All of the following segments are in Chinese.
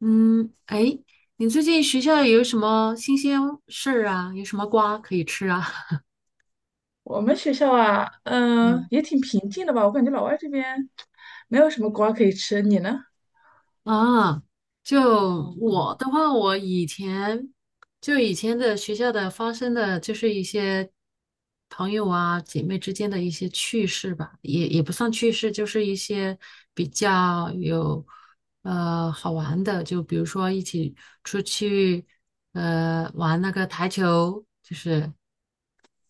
嗯，哎，你最近学校有什么新鲜事儿啊？有什么瓜可以吃啊？我们学校啊，嗯也挺平静的吧？我感觉老外这边没有什么瓜可以吃，你呢？啊，就我的话，我以前以前的学校的发生的就是一些朋友啊、姐妹之间的一些趣事吧，也不算趣事，就是一些比较有好玩的，就比如说一起出去玩那个台球，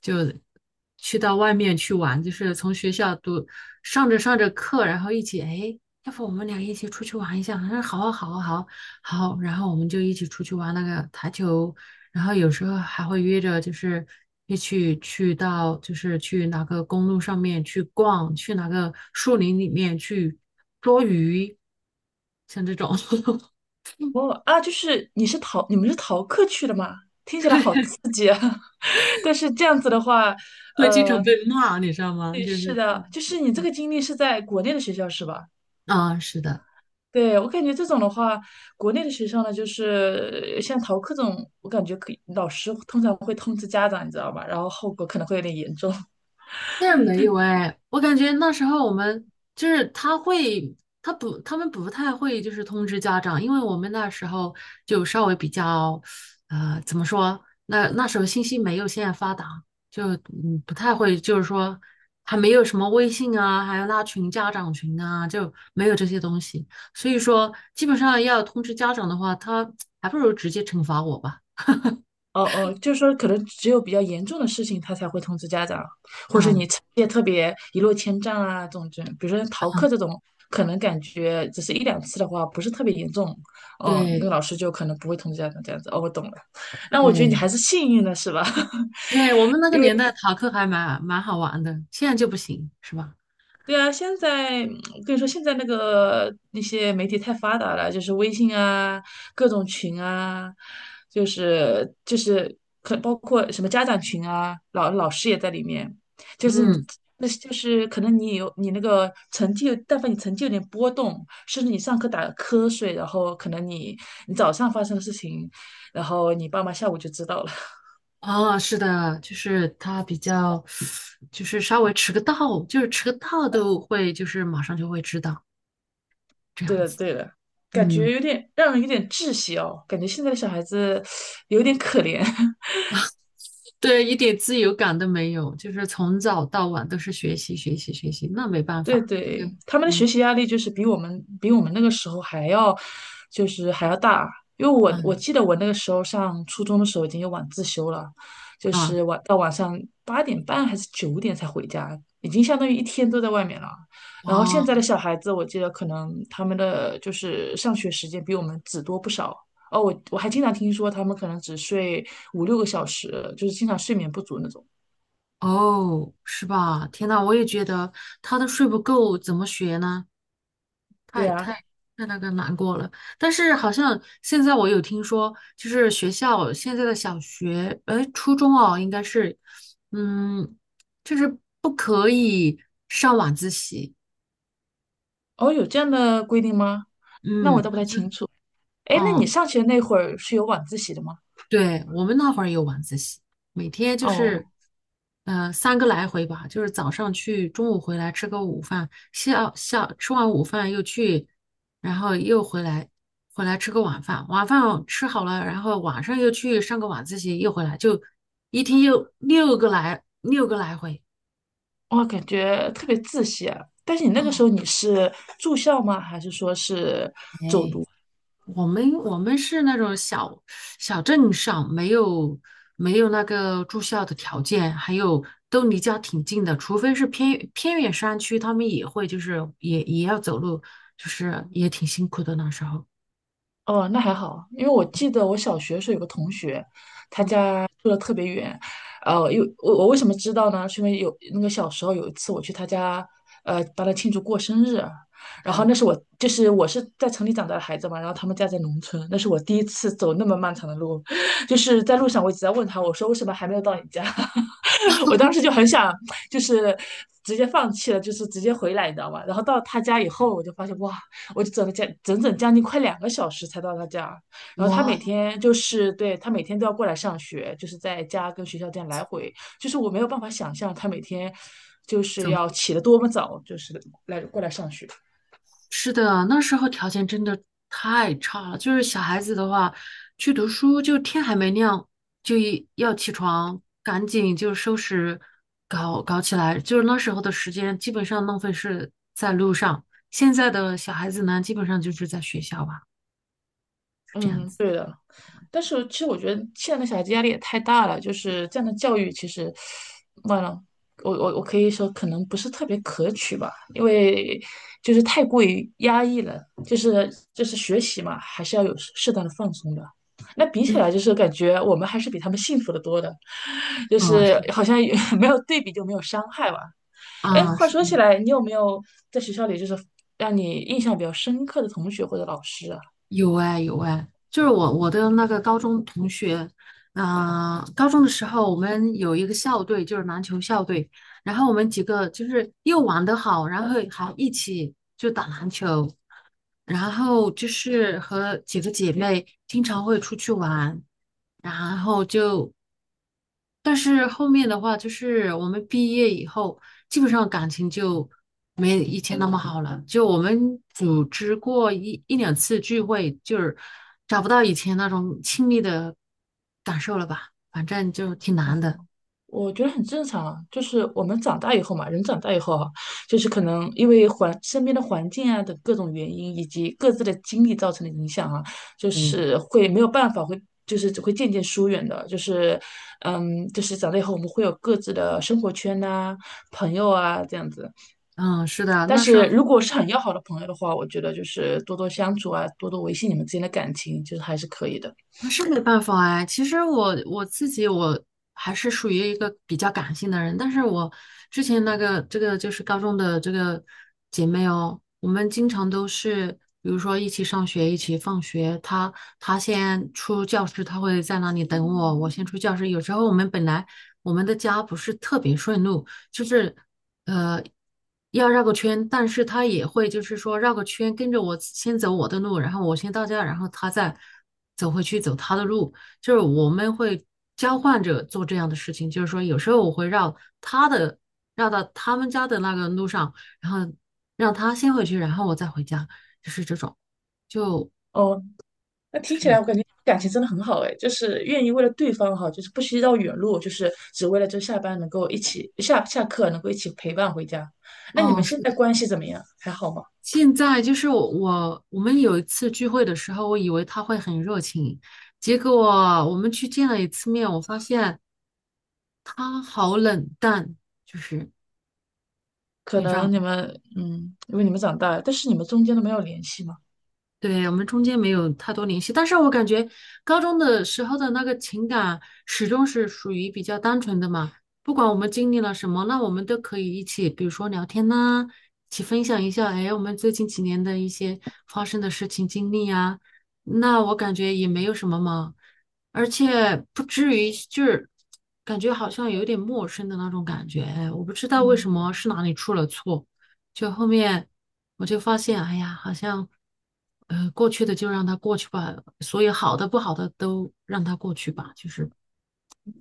就去到外面去玩，就是从学校读上着课，然后一起，哎，要不我们俩一起出去玩一下？他说好啊，好啊，好啊好好然后我们就一起出去玩那个台球，然后有时候还会约着，就是一起去到，就是去哪个公路上面去逛，去哪个树林里面去捉鱼，像这种 哦啊，你们是逃课去的吗？听起来好刺激啊！但是这样子的话，会经常呃，被骂，你知道吗？对，就是是，的，嗯就是你这嗯，个经历是在国内的学校是吧？啊，是的。对，我感觉这种的话，国内的学校呢，就是像逃课这种，我感觉可以，老师通常会通知家长，你知道吧？然后后果可能会有点严重。但是没有哎，我感觉那时候我们就是他会，他们不太会就是通知家长，因为我们那时候就稍微比较，呃，怎么说？那时候信息没有现在发达，就不太会，就是说还没有什么微信啊，还有拉群家长群啊，就没有这些东西，所以说基本上要通知家长的话，他 还不如直接惩罚我吧。哦哦，就是说可能只有比较严重的事情，他才会通知家长，或者是你嗯，成绩特别一落千丈啊这种这，比如说逃课这种，可能感觉只是1两次的话，不是特别严重，嗯，那个对老师就可能不会通知家长这样子。哦，我懂了，那我觉得你对。还是幸运的是吧？对，我们那个年代逃课还蛮好玩的，现在就不行，是吧？对啊，现在嗯我跟你说，现在那些媒体太发达了，就是微信啊，各种群啊，就是包括什么家长群啊，老师也在里面，就是你。嗯，那是就是可能你有你那个成绩有但凡你成绩有点波动，甚至你上课打了瞌睡，然后可能你早上发生的事情，然后你爸妈下午就知道了。哦，是的，就是他比较，就是稍微迟个到，就是迟个到都会，就是马上就会知道这对样的，子。对的，感觉嗯，有点让人有点窒息哦，感觉现在的小孩子有点可怜。对，一点自由感都没有，就是从早到晚都是学习，学习，学习，那没办对法，这个，对，他们的学嗯习压力就是比我们那个时候还要，就是还要大。因为我嗯记得我那个时候上初中的时候已经有晚自修了，就啊是晚到晚上8点半还是9点才回家，已经相当于一天都在外面了。然后现啊在的小孩子，我记得可能他们的就是上学时间比我们只多不少。哦，我还经常听说他们可能只睡5、6个小时，就是经常睡眠不足那种。哦，是吧？天呐，我也觉得他都睡不够，怎么学呢？对太啊，太那个难过了，但是好像现在我有听说，就是学校现在的小学，呃，初中哦，应该是，嗯，就是不可以上晚自习，哦，有这样的规定吗？那我嗯，倒不好太像，清楚。哎，那你哦，上学那会儿是有晚自习的吗？对，我们那会儿有晚自习，每天就是，哦，呃，三个来回吧，就是早上去，中午回来吃个午饭，下吃完午饭又去，然后又回来，回来吃个晚饭，晚饭吃好了，然后晚上又去上个晚自习，又回来，就一天又六个来回。我感觉特别自习啊。但是你那个时哦，候你是住校吗？还是说是走哎，读？我们是那种小镇上，没有那个住校的条件，还有都离家挺近的，除非是偏远山区，他们也会就是也要走路，就是也挺辛苦的那时候。哦，那还好，因为我记得我小学的时候有个同学，他嗯，家住的特别远，呃，因为我为什么知道呢？是因为有那个小时候有一次我去他家，呃，帮他庆祝过生日，然后嗯，那是我就是我是在城里长大的孩子嘛，然后他们家在农村，那是我第一次走那么漫长的路，就是在路上我一直在问他，我说为什么还没有到你家？我当时就很想就是直接放弃了，就是直接回来，你知道吗？然后到他家以后，我就发现哇。我就走了将整整将近快2个小时才到他家。然后他每哇，天他每天都要过来上学，就是在家跟学校这样来回，就是我没有办法想象他每天就是怎要么起得多么早，就是来过来上学。是的，那时候条件真的太差了。就是小孩子的话，去读书就天还没亮就一要起床，赶紧就收拾搞起来。就是那时候的时间基本上浪费是在路上。现在的小孩子呢，基本上就是在学校吧，是这样嗯，子。但是其实我觉得现在的小孩子压力也太大了，就是这样的教育其实，完了，我可以说可能不是特别可取吧，因为就是太过于压抑了，就是就是学习嘛，还是要有适当的放松的。那比起嗯，来，就是感觉我们还是比他们幸福的多的，就嗯，是是好像也 没有对比就没有伤害吧。哎，啊，嗯话是的。说起来，你有没有在学校里就是让你印象比较深刻的同学或者老师啊？有哎有哎，就是我的那个高中同学，嗯、高中的时候我们有一个校队，就是篮球校队，然后我们几个就是又玩得好，然后还一起就打篮球，然后就是和几个姐妹经常会出去玩，然后就但是后面的话，就是我们毕业以后，基本上感情就没以前那么好了。就我们组织过一两次聚会，就是找不到以前那种亲密的感受了吧？反正就挺难的。嗯，我觉得很正常啊，就是我们长大以后嘛，人长大以后哈，就是可能因为环身边的环境啊等各种原因，以及各自的经历造成的影响啊，就嗯，是会没有办法，会就是只会渐渐疏远的，就是，嗯，就是长大以后我们会有各自的生活圈呐、朋友啊这样子，嗯，是的，但那时候是如果是很要好的朋友的话，我觉得就是多多相处啊，多多维系你们之间的感情，就是还是可以的。那是没办法哎，其实我自己我还是属于一个比较感性的人，但是我之前那个这个就是高中的这个姐妹哦，我们经常都是，比如说一起上学，一起放学，她先出教室，她会在那里等我，我先出教室。有时候我们本来我们的家不是特别顺路，就是呃，要绕个圈，但是他也会就是说绕个圈，跟着我先走我的路，然后我先到家，然后他再走回去走他的路，就是我们会交换着做这样的事情，就是说有时候我会绕他的，绕到他们家的那个路上，然后让他先回去，然后我再回家，就是这种，就哦，那听起来是，我感觉感情真的很好哎，就是愿意为了对方哈，就是不惜绕远路，就是只为了就下班能够一起下课能够一起陪伴回家。那你哦，们是。现在关系怎么样？还好吗？现在就是我，我们有一次聚会的时候，我以为他会很热情，结果我们去见了一次面，我发现他好冷淡，就是。可能你们嗯，因为你们长大了，但是你们中间都没有联系吗？对，我们中间没有太多联系，但是我感觉高中的时候的那个情感始终是属于比较单纯的嘛，不管我们经历了什么，那我们都可以一起，比如说聊天呐、一起分享一下，哎，我们最近几年的一些发生的事情经历呀、那我感觉也没有什么嘛，而且不至于就是感觉好像有点陌生的那种感觉，哎，我不知道为什嗯。么是哪里出了错。就后面我就发现，哎呀，好像过去的就让它过去吧，所有好的不好的都让它过去吧，就是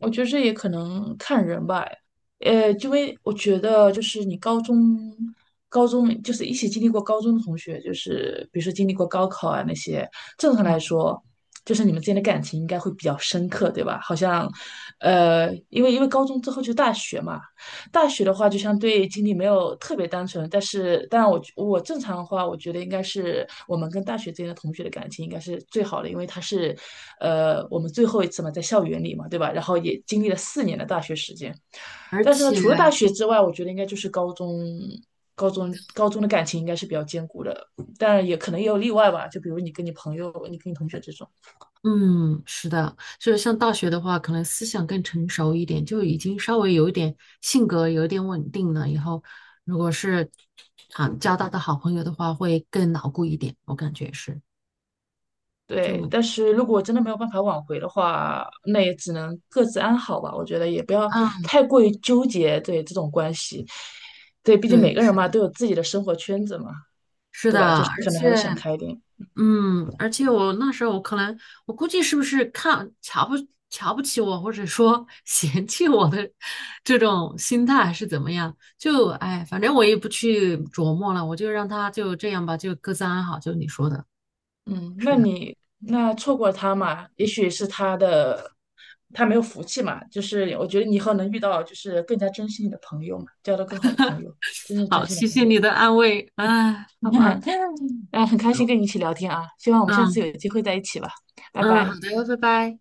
我觉得这也可能看人吧，呃，因为我觉得就是你高中就是一起经历过高中的同学，就是比如说经历过高考啊那些，正常来嗯，说，就是你们之间的感情应该会比较深刻，对吧？好像，呃，因为高中之后就大学嘛，大学的话，就相对经历没有特别单纯，但是当然我正常的话，我觉得应该是我们跟大学之间的同学的感情应该是最好的，因为他是，呃，我们最后一次嘛，在校园里嘛，对吧？然后也经历了4年的大学时间，而但是呢，且除了大学之外，我觉得应该就是高中。高中的感情应该是比较坚固的，当然也可能也有例外吧，就比如你跟你朋友、你跟你同学这种。嗯，是的，就是像大学的话，可能思想更成熟一点，就已经稍微有一点性格有一点稳定了，以后如果是啊交到的好朋友的话，会更牢固一点，我感觉是对，就。但是如果真的没有办法挽回的话，那也只能各自安好吧。我觉得也不要嗯，太过于纠结对这种关系，对，毕竟每对，个人是的，嘛都有自己的生活圈子嘛，是对的，吧？就是而可能还是且。想开一点。嗯，而且我那时候我可能，我估计是不是瞧不起我，或者说 嫌弃我的这种心态还是怎么样？就哎，反正我也不去琢磨了，我就让他就这样吧，就各自安好。就你说的，嗯，是那的，你那错过他嘛，也许是他没有福气嘛，就是我觉得你以后能遇到就是更加珍惜你的朋友嘛，交到更好的朋友，真正珍好，惜你谢的朋谢友。你的安慰，哎，好吧，啊，很开那心我跟你们一起聊天啊，希望我们下次嗯有机会在一起吧，拜嗯，好拜。的，拜拜。